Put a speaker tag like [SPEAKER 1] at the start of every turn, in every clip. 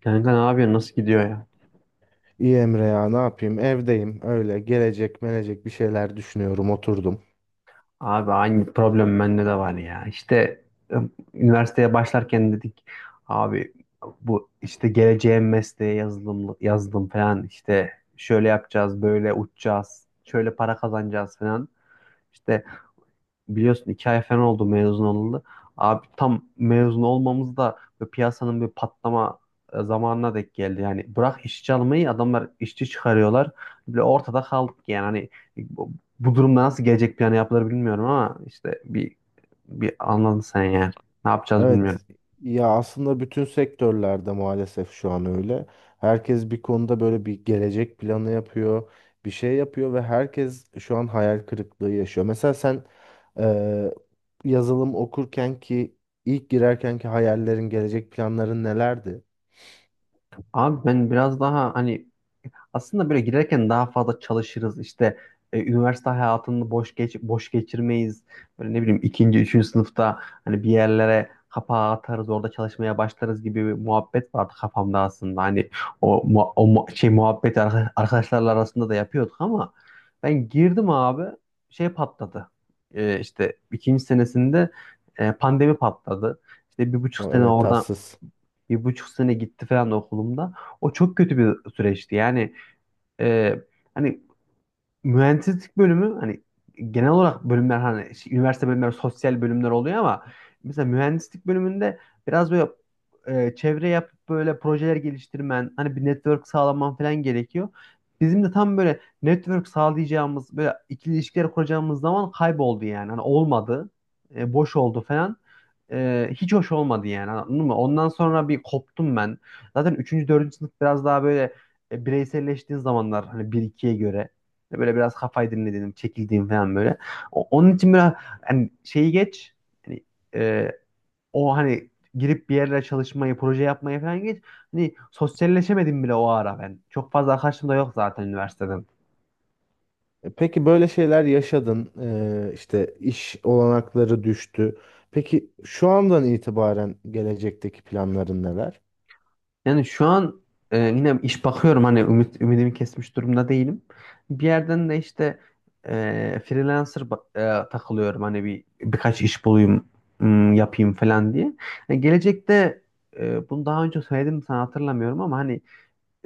[SPEAKER 1] Kanka ne yapıyorsun? Nasıl gidiyor ya?
[SPEAKER 2] İyi Emre ya ne yapayım, evdeyim, öyle gelecek melecek bir şeyler düşünüyorum, oturdum.
[SPEAKER 1] Abi aynı problem bende de var ya. İşte e, üniversiteye başlarken dedik, abi bu işte geleceğim mesleğe yazılım yazdım falan, işte şöyle yapacağız, böyle uçacağız, şöyle para kazanacağız falan. İşte biliyorsun, 2 ay falan oldu mezun olalı. Abi tam mezun olmamız da böyle piyasanın bir patlama zamanına denk geldi. Yani bırak işçi almayı, adamlar işçi çıkarıyorlar. Böyle ortada kaldık yani, hani e, bu, bu durumda nasıl gelecek planı yapılır bilmiyorum, ama işte bir anladın sen yani. Ne yapacağız bilmiyorum.
[SPEAKER 2] Evet, ya aslında bütün sektörlerde maalesef şu an öyle. Herkes bir konuda böyle bir gelecek planı yapıyor, bir şey yapıyor ve herkes şu an hayal kırıklığı yaşıyor. Mesela sen eee, yazılım okurken ki ilk girerken ki hayallerin, gelecek planların nelerdi?
[SPEAKER 1] Abi ben biraz daha, hani aslında böyle girerken daha fazla çalışırız. İşte üniversite hayatını boş geçirmeyiz. Böyle ne bileyim, ikinci, üçüncü sınıfta hani bir yerlere kapağı atarız, orada çalışmaya başlarız gibi bir muhabbet vardı kafamda aslında. Hani şey muhabbeti arkadaşlarla arasında da yapıyorduk, ama ben girdim abi, şey patladı. İşte ikinci senesinde pandemi patladı. İşte bir buçuk
[SPEAKER 2] O,
[SPEAKER 1] sene
[SPEAKER 2] evet,
[SPEAKER 1] oradan
[SPEAKER 2] tatsız.
[SPEAKER 1] 1,5 sene gitti falan okulumda. O çok kötü bir süreçti. Yani ee, hani mühendislik bölümü, hani genel olarak bölümler, hani şey, üniversite bölümleri sosyal bölümler oluyor, ama mesela mühendislik bölümünde biraz böyle çevre yapıp böyle projeler geliştirmen, hani bir network sağlaman falan gerekiyor. Bizim de tam böyle network sağlayacağımız, böyle ikili ilişkiler kuracağımız zaman kayboldu yani. Hani olmadı. E, boş oldu falan. E, hiç hoş olmadı yani. Anladın mı? Ondan sonra bir koptum ben. Zaten üçüncü dördüncü sınıf biraz daha böyle bireyselleştiğin zamanlar, hani bir ikiye göre. İşte böyle biraz kafayı dinlediğim, çekildiğim falan böyle. Onun için biraz hani şeyi geç. Hani e, o hani girip bir yerlere çalışmayı, proje yapmayı falan geç. Hani sosyalleşemedim bile o ara ben. Çok fazla arkadaşım da yok zaten üniversiteden.
[SPEAKER 2] Peki böyle şeyler yaşadın, işte iş olanakları düştü. Peki şu andan itibaren gelecekteki planların neler?
[SPEAKER 1] Yani şu an yine iş bakıyorum, hani ümidimi kesmiş durumda değilim. Bir yerden de işte e, freelancer takılıyorum, hani birkaç iş bulayım, yapayım falan diye. Yani gelecekte bunu daha önce söyledim mi sana, hatırlamıyorum, ama hani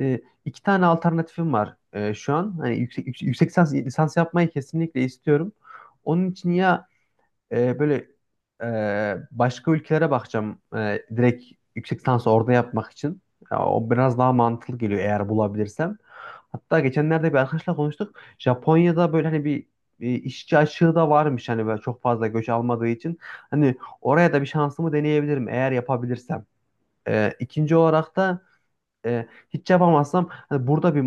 [SPEAKER 1] 2 tane alternatifim var şu an. Hani yüksek lisans yapmayı kesinlikle istiyorum. Onun için ya böyle e, başka ülkelere bakacağım, direkt yüksek lisansı orada yapmak için. Ya, o biraz daha mantıklı geliyor, eğer bulabilirsem. Hatta geçenlerde bir arkadaşla konuştuk. Japonya'da böyle, hani bir işçi açığı da varmış, hani böyle çok fazla göç almadığı için. Hani oraya da bir şansımı deneyebilirim, eğer yapabilirsem. İkinci olarak da hiç yapamazsam, hani burada bir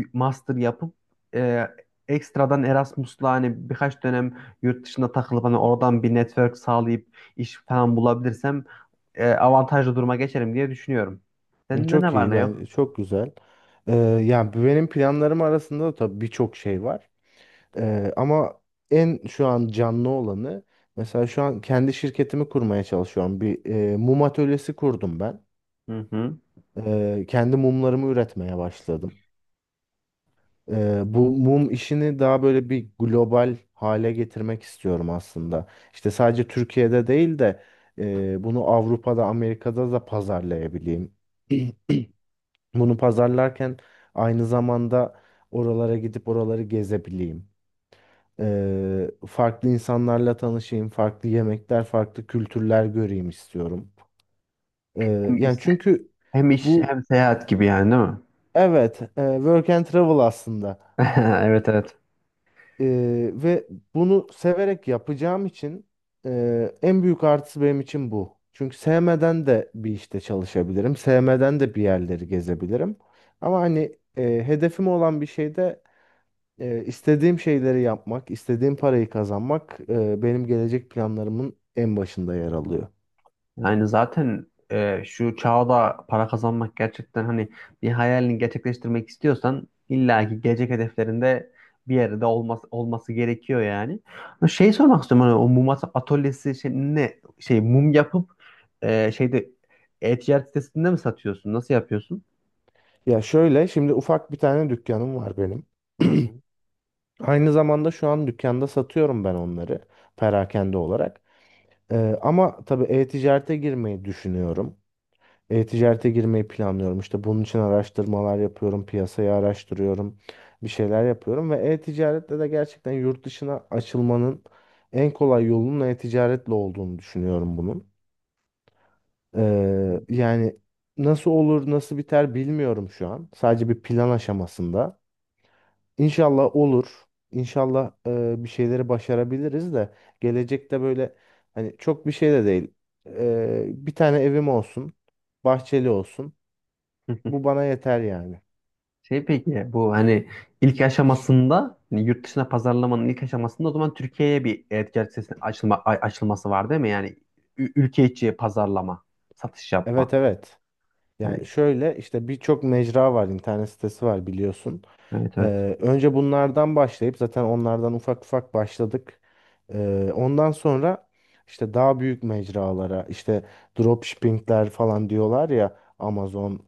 [SPEAKER 1] master yapıp, e, ekstradan Erasmus'la hani birkaç dönem yurt dışında takılıp, hani oradan bir network sağlayıp iş falan bulabilirsem avantajlı duruma geçerim diye düşünüyorum.
[SPEAKER 2] Hı,
[SPEAKER 1] Senin de ne
[SPEAKER 2] çok
[SPEAKER 1] var
[SPEAKER 2] iyi,
[SPEAKER 1] ne yok?
[SPEAKER 2] ben çok güzel. Eee, Yani benim planlarım arasında da tabii birçok şey var. Ama en şu an canlı olanı, mesela şu an kendi şirketimi kurmaya çalışıyorum. Bir mum atölyesi kurdum ben.
[SPEAKER 1] Hı hı.
[SPEAKER 2] Kendi mumlarımı üretmeye başladım. Bu mum işini daha böyle bir global hale getirmek istiyorum aslında. İşte sadece Türkiye'de değil de bunu Avrupa'da, Amerika'da da pazarlayabileyim. Bunu pazarlarken aynı zamanda oralara gidip oraları gezebileyim. Farklı insanlarla tanışayım, farklı yemekler, farklı kültürler göreyim istiyorum.
[SPEAKER 1] Hem iş,
[SPEAKER 2] Yani çünkü
[SPEAKER 1] hem iş
[SPEAKER 2] bu
[SPEAKER 1] hem seyahat gibi yani, değil mi?
[SPEAKER 2] evet, work and travel aslında.
[SPEAKER 1] Evet, evet.
[SPEAKER 2] Ve bunu severek yapacağım için en büyük artısı benim için bu. Çünkü sevmeden de bir işte çalışabilirim. Sevmeden de bir yerleri gezebilirim. Ama hani hedefim olan bir şeyde istediğim şeyleri yapmak, istediğim parayı kazanmak benim gelecek planlarımın en başında yer alıyor.
[SPEAKER 1] Yani zaten şu çağda para kazanmak gerçekten, hani bir hayalini gerçekleştirmek istiyorsan illaki gelecek hedeflerinde bir yerde olması gerekiyor yani. Ama şey sormak istiyorum, hani o mum atölyesi, şey, ne şey mum yapıp şeyde, e-ticaret sitesinde mi satıyorsun? Nasıl yapıyorsun?
[SPEAKER 2] Ya şöyle, şimdi ufak bir tane dükkanım var benim.
[SPEAKER 1] Hı.
[SPEAKER 2] Aynı zamanda şu an dükkanda satıyorum ben onları, perakende olarak. Ama tabii e-ticarete girmeyi düşünüyorum. E-ticarete girmeyi planlıyorum. İşte bunun için araştırmalar yapıyorum, piyasayı araştırıyorum, bir şeyler yapıyorum ve e-ticarette de gerçekten yurt dışına açılmanın en kolay yolunun e-ticaretle olduğunu düşünüyorum bunun.
[SPEAKER 1] Hı.
[SPEAKER 2] Yani nasıl olur, nasıl biter bilmiyorum şu an. Sadece bir plan aşamasında. İnşallah olur. İnşallah bir şeyleri başarabiliriz de gelecekte, böyle hani çok bir şey de değil. Bir tane evim olsun, bahçeli olsun. Bu bana yeter yani.
[SPEAKER 1] Şey peki bu hani ilk aşamasında, hani yurt dışına pazarlamanın ilk aşamasında, o zaman Türkiye'ye bir e-ticaret sitesinin açılması var değil mi? Yani ülke içi pazarlama, satış yapma.
[SPEAKER 2] Evet, evet.
[SPEAKER 1] Hani
[SPEAKER 2] Yani şöyle işte birçok mecra var, internet sitesi var biliyorsun.
[SPEAKER 1] evet, evet.
[SPEAKER 2] Önce bunlardan başlayıp, zaten onlardan ufak ufak başladık. Ondan sonra işte daha büyük mecralara, işte dropshippingler falan diyorlar ya, Amazon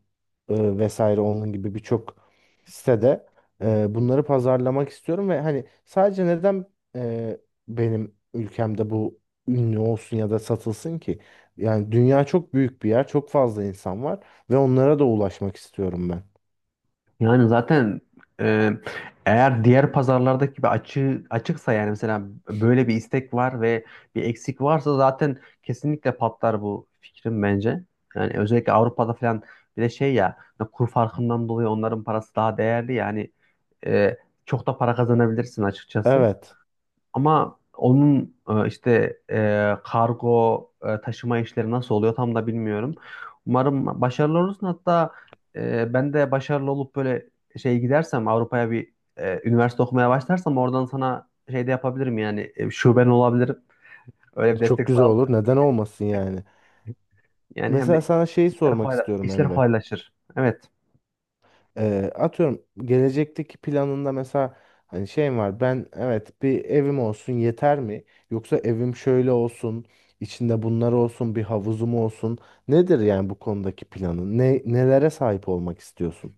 [SPEAKER 2] vesaire, onun gibi birçok sitede bunları pazarlamak istiyorum ve hani sadece neden e, benim ülkemde bu ünlü olsun ya da satılsın ki? Yani dünya çok büyük bir yer, çok fazla insan var ve onlara da ulaşmak istiyorum ben.
[SPEAKER 1] Yani zaten e, eğer diğer pazarlardaki gibi açığı açıksa, yani mesela böyle bir istek var ve bir eksik varsa, zaten kesinlikle patlar bu fikrim bence. Yani özellikle Avrupa'da falan, bir de şey ya, hani kur farkından dolayı onların parası daha değerli yani, e, çok da para kazanabilirsin açıkçası.
[SPEAKER 2] Evet.
[SPEAKER 1] Ama onun işte kargo taşıma işleri nasıl oluyor, tam da bilmiyorum. Umarım başarılı olursun. Hatta ben de başarılı olup, böyle şey, gidersem Avrupa'ya, bir üniversite okumaya başlarsam, oradan sana şey de yapabilirim yani, şuben olabilirim. Öyle bir
[SPEAKER 2] Çok
[SPEAKER 1] destek
[SPEAKER 2] güzel olur.
[SPEAKER 1] sağlarım.
[SPEAKER 2] Neden olmasın yani?
[SPEAKER 1] Yani hem
[SPEAKER 2] Mesela
[SPEAKER 1] de
[SPEAKER 2] sana şeyi sormak istiyorum
[SPEAKER 1] işler
[SPEAKER 2] Emre.
[SPEAKER 1] kolaylaşır. Evet.
[SPEAKER 2] Atıyorum, gelecekteki planında mesela hani şeyim var. Ben evet, bir evim olsun yeter mi? Yoksa evim şöyle olsun, içinde bunlar olsun, bir havuzum olsun. Nedir yani bu konudaki planın? Ne nelere sahip olmak istiyorsun?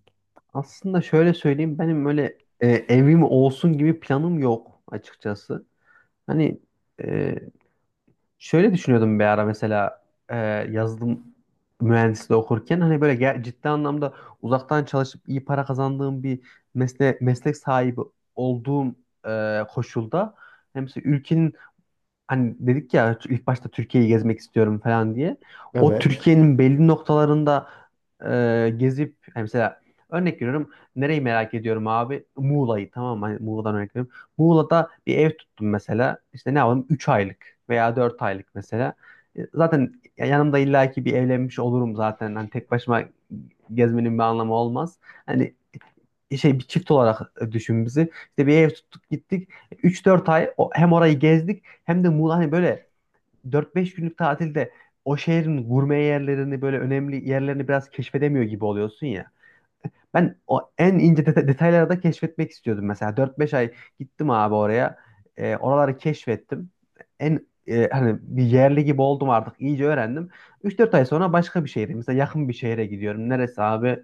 [SPEAKER 1] Aslında şöyle söyleyeyim, benim öyle evim olsun gibi planım yok açıkçası. Hani e, şöyle düşünüyordum bir ara, mesela e, yazılım mühendisliği okurken, hani böyle ciddi anlamda uzaktan çalışıp iyi para kazandığım bir meslek sahibi olduğum koşulda, hem mesela ülkenin, hani dedik ya ilk başta Türkiye'yi gezmek istiyorum falan diye. O, evet.
[SPEAKER 2] Evet.
[SPEAKER 1] Türkiye'nin belli noktalarında gezip, hani mesela örnek veriyorum, nereyi merak ediyorum abi? Muğla'yı, tamam mı? Hani Muğla'dan örnek veriyorum. Muğla'da bir ev tuttum mesela. İşte ne yapalım, 3 aylık veya 4 aylık mesela. Zaten yanımda illaki bir evlenmiş olurum zaten. Hani tek başıma gezmenin bir anlamı olmaz. Hani şey, bir çift olarak düşün bizi. İşte bir ev tuttuk gittik. Üç dört ay hem orayı gezdik, hem de Muğla hani böyle 4-5 günlük tatilde, o şehrin gurme yerlerini, böyle önemli yerlerini biraz keşfedemiyor gibi oluyorsun ya. Ben o en ince detayları da keşfetmek istiyordum mesela. Dört beş ay gittim abi oraya. Oraları keşfettim. En, hani bir yerli gibi oldum artık. İyice öğrendim. Üç dört ay sonra başka bir şehre, mesela yakın bir şehre gidiyorum. Neresi abi?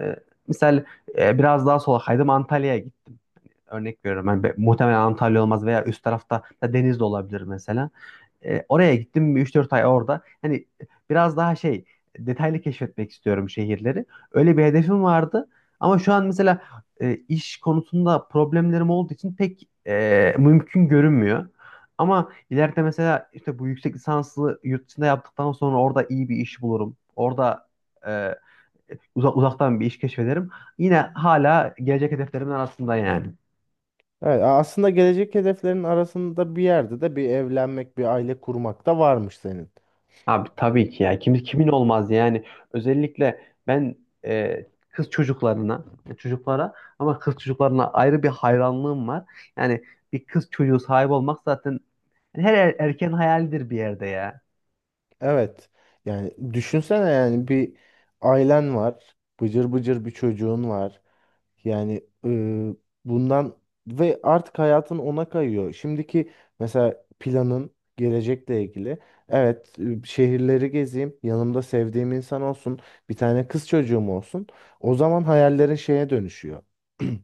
[SPEAKER 1] E, Misal, biraz daha sola kaydım, Antalya'ya gittim. Örnek veriyorum. Yani muhtemelen Antalya olmaz, veya üst tarafta da deniz de olabilir mesela. Oraya gittim, 3-4 ay orada. Hani biraz daha şey, detaylı keşfetmek istiyorum şehirleri. Öyle bir hedefim vardı. Ama şu an mesela iş konusunda problemlerim olduğu için pek mümkün görünmüyor. Ama ileride, mesela işte bu yüksek lisanslı yurt dışında yaptıktan sonra orada iyi bir iş bulurum. Orada uzaktan bir iş keşfederim. Yine hala gelecek hedeflerimin arasında yani.
[SPEAKER 2] Evet, aslında gelecek hedeflerin arasında bir yerde de bir evlenmek, bir aile kurmak da varmış senin.
[SPEAKER 1] Abi tabii ki ya. Kimin olmaz yani. Özellikle ben kız çocuklarına, çocuklara, ama kız çocuklarına ayrı bir hayranlığım var. Yani bir kız çocuğu sahibi olmak zaten her erkeğin hayalidir bir yerde ya.
[SPEAKER 2] Evet. Yani düşünsene, yani bir ailen var, bıcır bıcır bir çocuğun var. Yani bundan ve artık hayatın ona kayıyor. Şimdiki mesela planın gelecekle ilgili. Evet, şehirleri gezeyim, yanımda sevdiğim insan olsun, bir tane kız çocuğum olsun. O zaman hayallerin şeye dönüşüyor.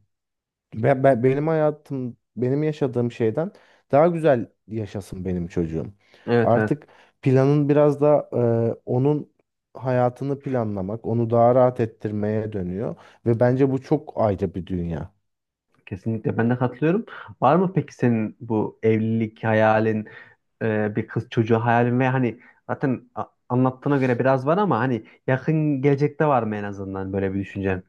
[SPEAKER 2] Ve benim hayatım, benim yaşadığım şeyden daha güzel yaşasın benim çocuğum.
[SPEAKER 1] Evet, evet.
[SPEAKER 2] Artık planın biraz da onun hayatını planlamak, onu daha rahat ettirmeye dönüyor ve bence bu çok ayrı bir dünya.
[SPEAKER 1] Kesinlikle ben de katılıyorum. Var mı peki senin bu evlilik hayalin, bir kız çocuğu hayalin, ve hani zaten anlattığına göre biraz var, ama hani yakın gelecekte var mı en azından böyle bir düşüncen?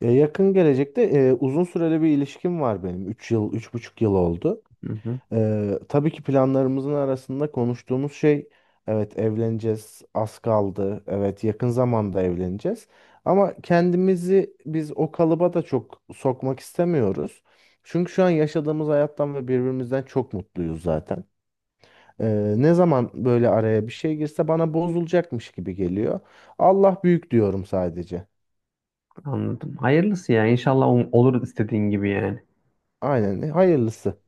[SPEAKER 2] E, yakın gelecekte, uzun süreli bir ilişkim var benim. 3 yıl, 3,5 yıl oldu.
[SPEAKER 1] Hı hı,
[SPEAKER 2] Tabii ki planlarımızın arasında konuştuğumuz şey, evet evleneceğiz, az kaldı, evet yakın zamanda evleneceğiz, ama kendimizi biz o kalıba da çok sokmak istemiyoruz. Çünkü şu an yaşadığımız hayattan ve birbirimizden çok mutluyuz zaten. Ne zaman böyle araya bir şey girse bana bozulacakmış gibi geliyor. Allah büyük diyorum sadece.
[SPEAKER 1] anladım. Hayırlısı ya. İnşallah olur istediğin gibi yani.
[SPEAKER 2] Aynen, hayırlısı.